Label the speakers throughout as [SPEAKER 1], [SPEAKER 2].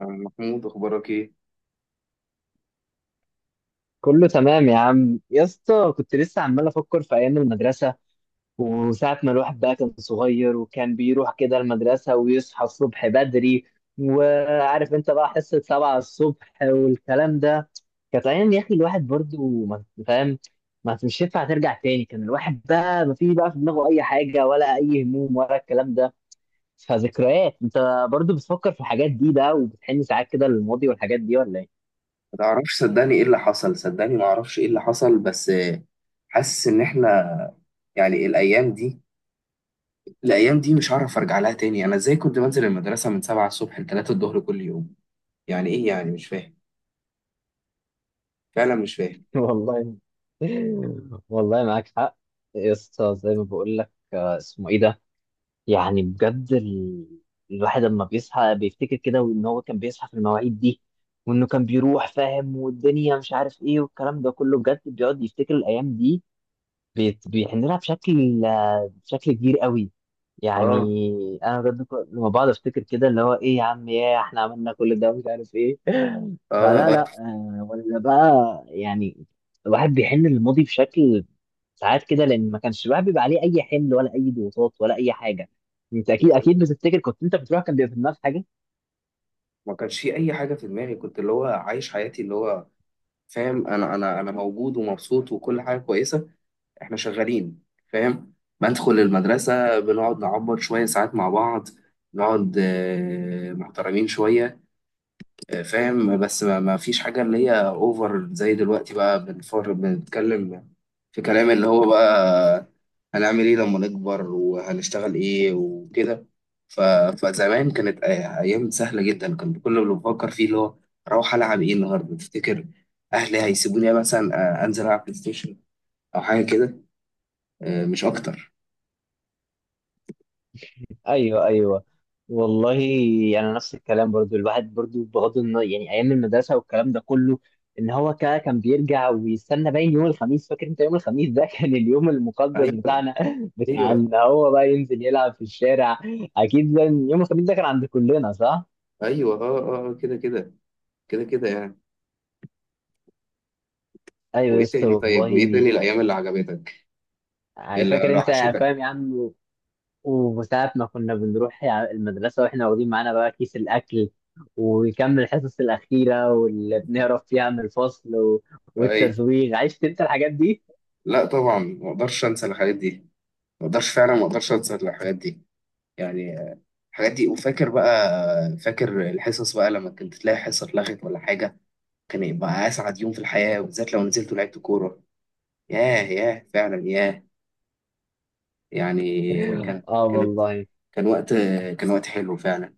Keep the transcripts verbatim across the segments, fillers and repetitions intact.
[SPEAKER 1] عم محمود، اخبارك ايه؟
[SPEAKER 2] كله تمام يا عم يا اسطى. كنت لسه عمال افكر في ايام المدرسه وساعه ما الواحد بقى كان صغير وكان بيروح كده المدرسه ويصحى الصبح بدري. وعارف انت بقى حصه سبعة الصبح والكلام ده. كانت ايام يا اخي، الواحد برضو ما فاهم. ما مش ينفع ترجع تاني، كان الواحد بقى ما في بقى في دماغه اي حاجه ولا اي هموم ولا الكلام ده. فذكريات، انت برضو بتفكر في الحاجات دي بقى وبتحن ساعات كده للماضي والحاجات دي ولا ايه؟
[SPEAKER 1] ما تعرفش، صدقني ايه اللي حصل. صدقني ما اعرفش ايه اللي حصل، بس آه، حاسس ان احنا، يعني الايام دي الايام دي مش هعرف ارجع لها تاني. انا ازاي كنت بنزل المدرسه من سبعة الصبح ل ثلاثة الظهر كل يوم؟ يعني ايه؟ يعني مش فاهم، فعلا مش فاهم.
[SPEAKER 2] والله. والله معاك حق يا اسطى. زي ما بقول لك آه، اسمه ايه ده؟ يعني بجد ال... الواحد لما بيصحى بيفتكر كده وان هو كان بيصحى في المواعيد دي، وانه كان بيروح فاهم والدنيا مش عارف ايه والكلام ده كله. بجد بيقعد يفتكر الايام دي. بيت بي- احنا بنلعب بشكل، آه، بشكل كبير قوي
[SPEAKER 1] اه
[SPEAKER 2] يعني. انا بجد ك- لما بقعد افتكر كده اللي هو ايه يا عم، يا احنا عملنا كل ده مش عارف ايه
[SPEAKER 1] اه
[SPEAKER 2] فلا لا
[SPEAKER 1] اه
[SPEAKER 2] آه، ولا بقى يعني. الواحد بيحن للماضي بشكل ساعات كده، لان ما كانش الواحد بيبقى عليه اي حمل ولا اي ضغوطات ولا اي حاجه. انت اكيد
[SPEAKER 1] بس هو
[SPEAKER 2] اكيد بتفتكر كنت انت بتروح كان بيبقى في دماغك.
[SPEAKER 1] ما كانش في اي حاجه في دماغي، كنت اللي هو عايش حياتي، اللي هو فاهم، انا انا انا موجود ومبسوط وكل حاجه كويسه، احنا شغالين، فاهم. بدخل المدرسة بنقعد نعبط شوية ساعات مع بعض، نقعد آه، محترمين شوية. آه، فاهم، بس ما ما فيش حاجة اللي هي اوفر زي دلوقتي. بقى بنفر، بنتكلم في كلام اللي هو بقى هنعمل ايه لما نكبر، وهنشتغل ايه وكده. ف... فزمان كانت أي- ايام سهلة جدا. كان كل اللي بفكر فيه اللي هو اروح العب ايه النهارده تفتكر؟ اهلي هيسيبوني مثلا آه، انزل العب بلاي ستيشن او حاجة كده، آه، مش اكتر.
[SPEAKER 2] ايوه ايوه والله. يعني نفس الكلام برضو، الواحد برضو بغض النظر يعني ايام المدرسه والكلام ده كله. ان هو كا- كان بيرجع ويستنى باين يوم الخميس. فاكر انت يوم الخميس ده؟ كان اليوم المقدس
[SPEAKER 1] ايوه
[SPEAKER 2] بتاعنا، بتاع
[SPEAKER 1] ايوه
[SPEAKER 2] ان هو بقى ينزل يلعب في الشارع. اكيد ده، يوم الخميس ده كان عند كلنا، صح؟
[SPEAKER 1] ايوه، اه اه، كده كده، كده كده يعني.
[SPEAKER 2] ايوه يا
[SPEAKER 1] وايه
[SPEAKER 2] اسطى
[SPEAKER 1] تاني؟ طيب وايه
[SPEAKER 2] والله.
[SPEAKER 1] تاني الايام اللي عجبتك،
[SPEAKER 2] يعني
[SPEAKER 1] اللي
[SPEAKER 2] فاكر انت
[SPEAKER 1] وحشتك؟
[SPEAKER 2] فاهم يعني، وساعة ما كنا بنروح يع- المدرسة واحنا واخدين معانا بقى كيس الأكل وكم الحصص الأخيرة واللي بنهرب فيها من الفصل و...
[SPEAKER 1] اي،
[SPEAKER 2] والتزويغ. عشت أنت الحاجات دي؟
[SPEAKER 1] لا طبعا ما اقدرش انسى الحاجات دي، ما اقدرش فعلا، ما اقدرش انسى الحاجات دي. يعني آه، الحاجات دي. وفاكر بقى، فاكر الحصص بقى لما كنت تلاقي حصه اتلغت ولا حاجه، كان يبقى اسعد يوم في الحياه، وبالذات لو نزلت ولعبت كوره. ياه ياه، فعلا ياه. يعني كان
[SPEAKER 2] آه
[SPEAKER 1] كانت
[SPEAKER 2] والله.
[SPEAKER 1] كان وقت كان وقت حلو فعلا.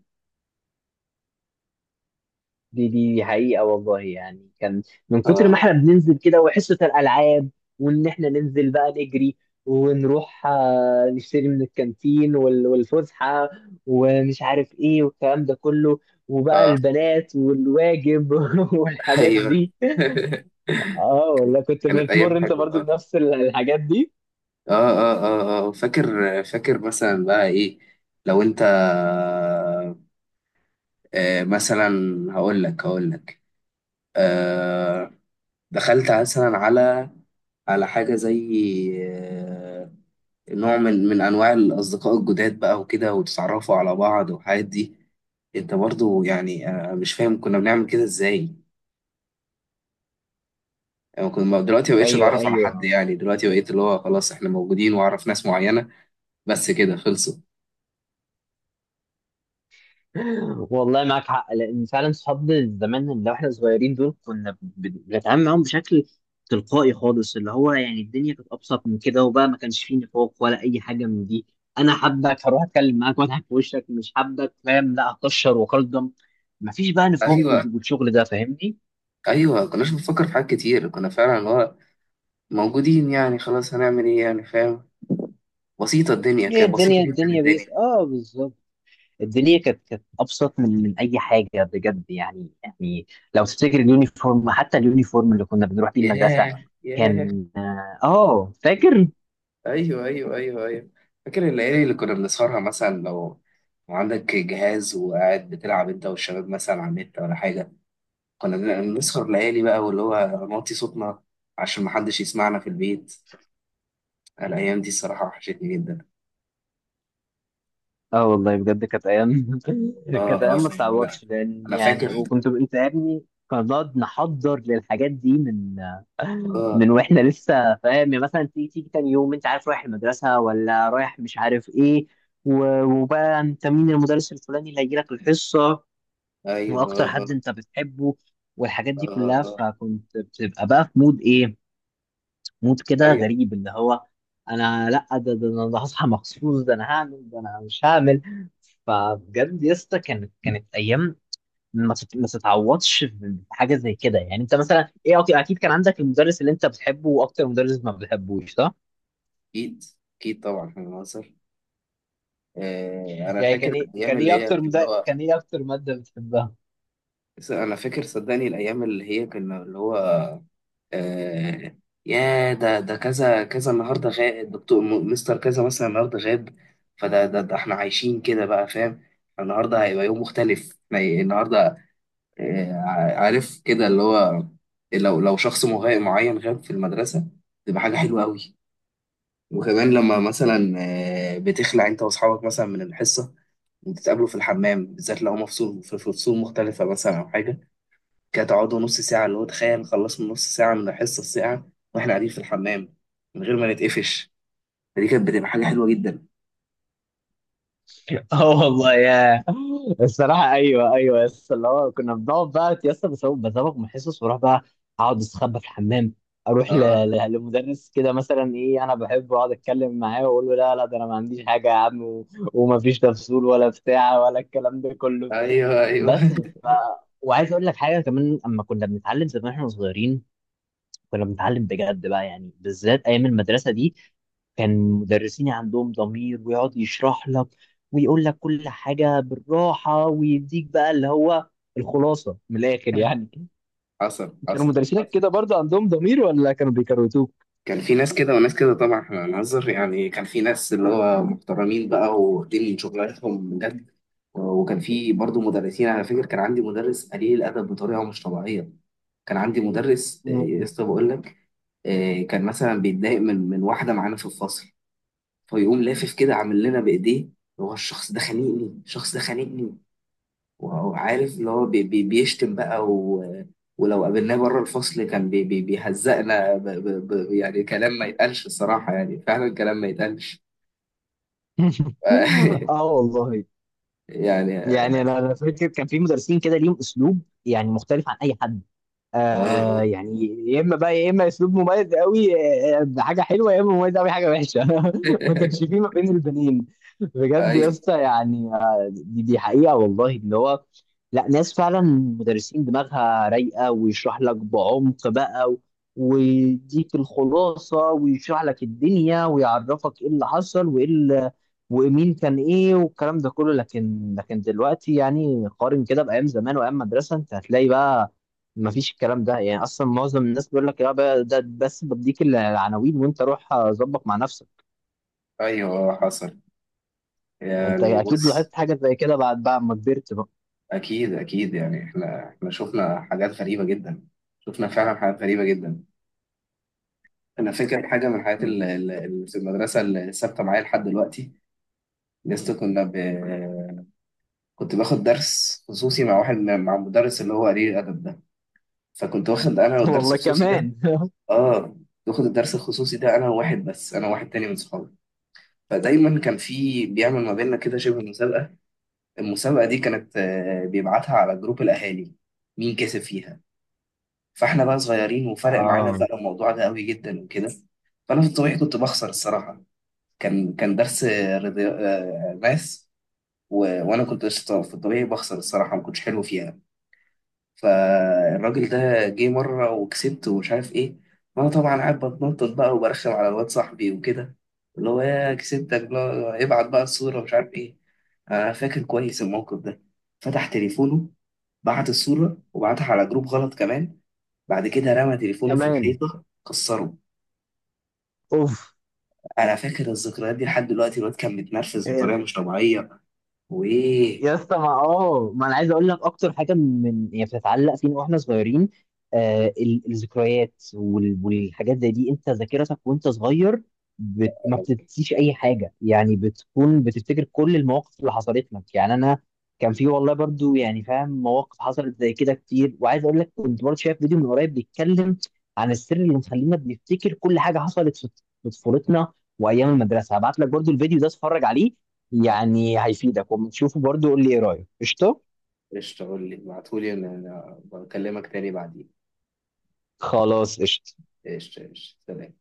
[SPEAKER 2] دي دي دي حقيقة والله. يعني كان من كتر ما احنا
[SPEAKER 1] اه
[SPEAKER 2] بننزل كده وحصة الألعاب وإن احنا ننزل بقى نجري ونروح آه، نشتري من الكانتين وال... والفسحة ومش عارف إيه والكلام ده كله، وبقى
[SPEAKER 1] اه،
[SPEAKER 2] البنات والواجب والحاجات
[SPEAKER 1] ايوه.
[SPEAKER 2] دي. اه والله، كنت
[SPEAKER 1] كانت
[SPEAKER 2] بتمر
[SPEAKER 1] ايام
[SPEAKER 2] انت
[SPEAKER 1] حلوه،
[SPEAKER 2] برضو
[SPEAKER 1] اه
[SPEAKER 2] بنفس ال- الحاجات دي.
[SPEAKER 1] اه اه اه. فاكر، فاكر مثلا بقى ايه. لو انت آه، مثلا، هقول لك هقول لك آه، دخلت مثلا على على حاجه زي، آه، نوع من من انواع الاصدقاء الجداد بقى وكده، وتتعرفوا على بعض والحاجات دي. انت برضو يعني آه، مش فاهم كنا بنعمل كده ازاي. يعني كنت ما- دلوقتي ما بقتش
[SPEAKER 2] ايوه
[SPEAKER 1] اتعرف على حد.
[SPEAKER 2] ايوه
[SPEAKER 1] يعني دلوقتي بقيت اللي هو خلاص احنا موجودين واعرف ناس معينه بس كده، خلصوا.
[SPEAKER 2] والله معاك حق. لان فعلا صحاب زمان، اللي احنا صغيرين دول، كنا بن- بنتعامل معاهم بشكل تلقائي خالص. اللي هو يعني الدنيا كانت ابسط من كده، وبقى ما كانش فيه نفاق ولا اي حاجه من دي. انا حابك هروح اتكلم معاك واضحك في وشك، مش حابك فاهم لا هكشر واقدم. مفيش بقى نفاق
[SPEAKER 1] ايوه
[SPEAKER 2] وال- والشغل ده فاهمني.
[SPEAKER 1] ايوه. كناش بنفكر في حاجات كتير، كنا فعلا اللي هو موجودين، يعني خلاص هنعمل ايه يعني، فاهم؟ بسيطه، الدنيا
[SPEAKER 2] هي
[SPEAKER 1] كانت بسيطه
[SPEAKER 2] الدنيا،
[SPEAKER 1] جدا
[SPEAKER 2] الدنيا بيس
[SPEAKER 1] الدنيا.
[SPEAKER 2] اه، بالظبط. الدنيا كانت كانت ابسط من من اي حاجه بجد يعني يعني. لو تفتكر اليونيفورم، حتى اليونيفورم اللي كنا بنروح بيه المدرسه،
[SPEAKER 1] ياه ياه.
[SPEAKER 2] كان اه آه، فاكر.
[SPEAKER 1] ايوه ايوه ايوه ايوه. فاكر الليالي اللي كنا بنسهرها مثلا، لو لو عندك جهاز وقاعد بتلعب انت والشباب مثلا على النت ولا حاجه، كنا بن- بنسهر ليالي بقى، واللي هو نوطي صوتنا عشان محدش يسمعنا في البيت. الأيام دي الصراحة وحشتني جدا.
[SPEAKER 2] اه والله بجد، كانت ايام
[SPEAKER 1] آه
[SPEAKER 2] كانت
[SPEAKER 1] آه
[SPEAKER 2] ايام ما
[SPEAKER 1] آه، لا،
[SPEAKER 2] بتعوضش. لان
[SPEAKER 1] أنا فاكر.
[SPEAKER 2] يعني وكنت انت يا ابني كنا بنقعد نحضر للحاجات دي من
[SPEAKER 1] آه،
[SPEAKER 2] من واحنا لسه فاهم يعني. مثلا تيجي تيجي تاني يوم انت عارف رايح المدرسه ولا رايح مش عارف ايه، و- وبقى انت مين المدرس الفلاني اللي هيجي لك الحصه،
[SPEAKER 1] أيوه.
[SPEAKER 2] واكتر
[SPEAKER 1] آه
[SPEAKER 2] حد
[SPEAKER 1] آه
[SPEAKER 2] انت بتحبه، والحاجات دي
[SPEAKER 1] آه
[SPEAKER 2] كلها.
[SPEAKER 1] آه.
[SPEAKER 2] فكنت بتبقى بقى في مود ايه، مود
[SPEAKER 1] آه.
[SPEAKER 2] كده
[SPEAKER 1] أيوه،
[SPEAKER 2] غريب، اللي هو انا لا ده ده انا هصحى مخصوص، ده انا هعمل، ده انا مش هعمل. فبجد يا اسطى، كانت كانت ايام ما تت- ما تتعوضش. في حاجه زي كده يعني، انت مثلا ايه أك- اكيد كان عندك المدرس اللي انت بتحبه واكتر مدرس ما بتحبوش، صح؟
[SPEAKER 1] أكيد أكيد طبعا في مصر. آه، أنا
[SPEAKER 2] يعني
[SPEAKER 1] فاكر
[SPEAKER 2] كان ايه،
[SPEAKER 1] الأيام
[SPEAKER 2] كان
[SPEAKER 1] اللي
[SPEAKER 2] ايه
[SPEAKER 1] هي
[SPEAKER 2] اكتر
[SPEAKER 1] اللي
[SPEAKER 2] مدرس،
[SPEAKER 1] هو،
[SPEAKER 2] كان ايه اكتر ماده بتحبها؟
[SPEAKER 1] أنا فاكر صدقني الأيام اللي هي كنا اللي هو، آه، يا ده ده كذا كذا، النهارده غائب دكتور م- مستر كذا مثلا النهارده غاب. فده ده, ده إحنا عايشين كده بقى، فاهم. النهارده هيبقى يوم مختلف. يعني النهارده آه، عارف كده، اللي هو لو لو شخص مه- معين غاب في المدرسة تبقى حاجة حلوة قوي. وكمان لما مثلا آه، بتخلع انت واصحابك مثلا من الحصة، وتتقابلوا في الحمام، بالذات لو هما فصول في في فصول مختلفة مثلا أو حاجة كده، تقعدوا نص ساعة، اللي هو تخيل خلصنا نص ساعة من الحصة الساعة وإحنا قاعدين في الحمام من غير ما نتقفش، فدي كانت بتبقى حاجة حلوة جدا.
[SPEAKER 2] اه والله يا، الصراحه ايوه ايوه. بس اللي هو كنا بنقعد بقى يا اسطى بسو- بزوغ من الحصص، واروح بقى اقعد استخبى في الحمام، اروح ل...
[SPEAKER 1] اه،
[SPEAKER 2] ل... لمدرس كده مثلا ايه انا بحبه، اقعد اتكلم معاه واقول له لا لا ده انا ما عنديش حاجه يا عم و... ومفيش تفصيل ولا بتاع ولا الكلام ده كله.
[SPEAKER 1] ايوه ايوه.
[SPEAKER 2] بس ف... وعايز اقول لك حاجه كمان. اما كنا بنتعلم زمان واحنا صغيرين، كنا بنتعلم بجد بقى يعني، بالذات ايام المدرسه دي. كان مدرسيني عندهم ضمير ويقعد يشرح لك ويقول لك كل حاجه بالراحه ويديك بقى اللي هو الخلاصه من الاخر يعني.
[SPEAKER 1] حصل
[SPEAKER 2] كانوا
[SPEAKER 1] حصل
[SPEAKER 2] مدرسينك
[SPEAKER 1] حصل.
[SPEAKER 2] كده برضه عندهم ضمير ولا كانوا بيكروتوك؟
[SPEAKER 1] كان في ناس كده وناس كده طبعا، احنا هنهزر يعني. كان في ناس اللي هو محترمين بقى، واخدين من شغلانتهم بجد، وكان في برضه مدرسين. على فكرة كان عندي مدرس قليل الأدب بطريقة مش طبيعية. كان عندي مدرس، آه، يا
[SPEAKER 2] مم.
[SPEAKER 1] اسطى بقول لك، آه، كان مثلا بيتضايق من من واحدة معانا في الفصل، فيقوم لافف كده عامل لنا بإيديه هو الشخص ده خانقني، الشخص ده خانقني، وهو عارف اللي هو بي بي بيشتم بقى. و... ولو قابلناه بره الفصل كان بي بي بيهزقنا ب... ب... ب... يعني كلام ما يتقالش الصراحة، يعني فعلا كلام ما يتقالش.
[SPEAKER 2] اه والله.
[SPEAKER 1] يعني اه.
[SPEAKER 2] يعني انا أنا فاكر كان في مدرسين كده ليهم اسلوب يعني مختلف عن اي حد آه
[SPEAKER 1] آه.
[SPEAKER 2] يعني. يا اما بقى يا اما اسلوب مميز قوي آه، آه، حاجه حلوه، يا اما مميز قوي حاجه وحشه ما كانش فيه ما بين البنين. بجد يا
[SPEAKER 1] ايوه
[SPEAKER 2] اسطى يعني آه، دي, دي حقيقه والله. ان هو لا، ناس فعلا مدرسين دماغها رايقه ويشرح لك بعمق بقى و- ويديك الخلاصه ويشرح لك الدنيا ويعرفك ايه اللي حصل وايه اللي ومين كان ايه والكلام ده كله. لكن لكن دلوقتي يعني، قارن كده بايام زمان وايام مدرسه، انت هتلاقي بقى ما فيش الكلام ده يعني. اصلا معظم الناس بيقول لك يا بقى ده بس بديك العناوين وانت روح ظبط مع نفسك.
[SPEAKER 1] ايوه، آه، حصل.
[SPEAKER 2] انت
[SPEAKER 1] يعني
[SPEAKER 2] اكيد
[SPEAKER 1] بص،
[SPEAKER 2] لاحظت حاجه زي كده بعد بعد ما كبرت بقى.
[SPEAKER 1] اكيد اكيد يعني احنا احنا شفنا حاجات غريبة جدا، شفنا فعلا حاجات غريبة جدا. انا فاكر حاجة من الحاجات اللي اللي- اللي في المدرسة اللي ثابتة معايا لحد دلوقتي. لسه كنا ب... كنت باخد درس خصوصي مع واحد، مع مدرس اللي هو قليل الادب ده. فكنت واخد انا الدرس
[SPEAKER 2] والله
[SPEAKER 1] الخصوصي ده،
[SPEAKER 2] كمان
[SPEAKER 1] اه، باخد الدرس الخصوصي ده انا وواحد، بس انا واحد تاني من صحابي. فدايما كان في بيعمل ما بيننا كده شبه مسابقه. المسابقه دي كانت آه، بيبعتها على جروب الاهالي مين كسب فيها. فاحنا بقى صغيرين وفرق معانا
[SPEAKER 2] اه
[SPEAKER 1] بقى الموضوع ده قوي جدا وكده. فانا في الطبيعي كنت بخسر الصراحه. كان كان درس رياضي- آه، ماس، و... وانا كنت قشطة، في الطبيعي بخسر الصراحه، ما كنتش حلو فيها. فالراجل ده جه مرة وكسبت ومش عارف ايه، وانا طبعا قاعد بتنطط بقى وبرخم على الواد صاحبي وكده، اللي هو يا كسبتك بلا ابعت بقى الصورة ومش عارف ايه. انا فاكر كويس الموقف ده، فتح تليفونه، بعت الصورة، وبعتها على جروب غلط كمان. بعد كده رمى تليفونه في
[SPEAKER 2] كمان.
[SPEAKER 1] الحيطة كسره.
[SPEAKER 2] اوف.
[SPEAKER 1] انا فاكر الذكريات دي لحد دلوقتي، الواد كان متنرفز بطريقة مش طبيعية. وايه،
[SPEAKER 2] يا اسطى ما اه ما انا عايز اقول لك اكتر حاجه من هي بتتعلق فينا واحنا صغيرين، آه ال- الذكريات وال- والحاجات زي دي. انت ذاكرتك وانت صغير بت... ما بتنسيش اي حاجه، يعني بتكون بتفتكر كل المواقف اللي حصلت لك. يعني انا كان في والله برضو يعني فاهم مواقف حصلت زي كده كتير. وعايز اقول لك، كنت برضو شايف فيديو من قريب بيتكلم عن السر اللي مخلينا بنفتكر كل حاجه حصلت في في طفولتنا وايام المدرسه. هبعت لك برضو الفيديو ده اتفرج عليه، يعني هيفيدك. وما تشوفه برضه قول لي ايه رايك. قشطه؟
[SPEAKER 1] قشطة. قول لي ابعتهولي انا، أنا بكلمك تاني بعدين.
[SPEAKER 2] خلاص قشطه.
[SPEAKER 1] قشطة قشطة، سلام.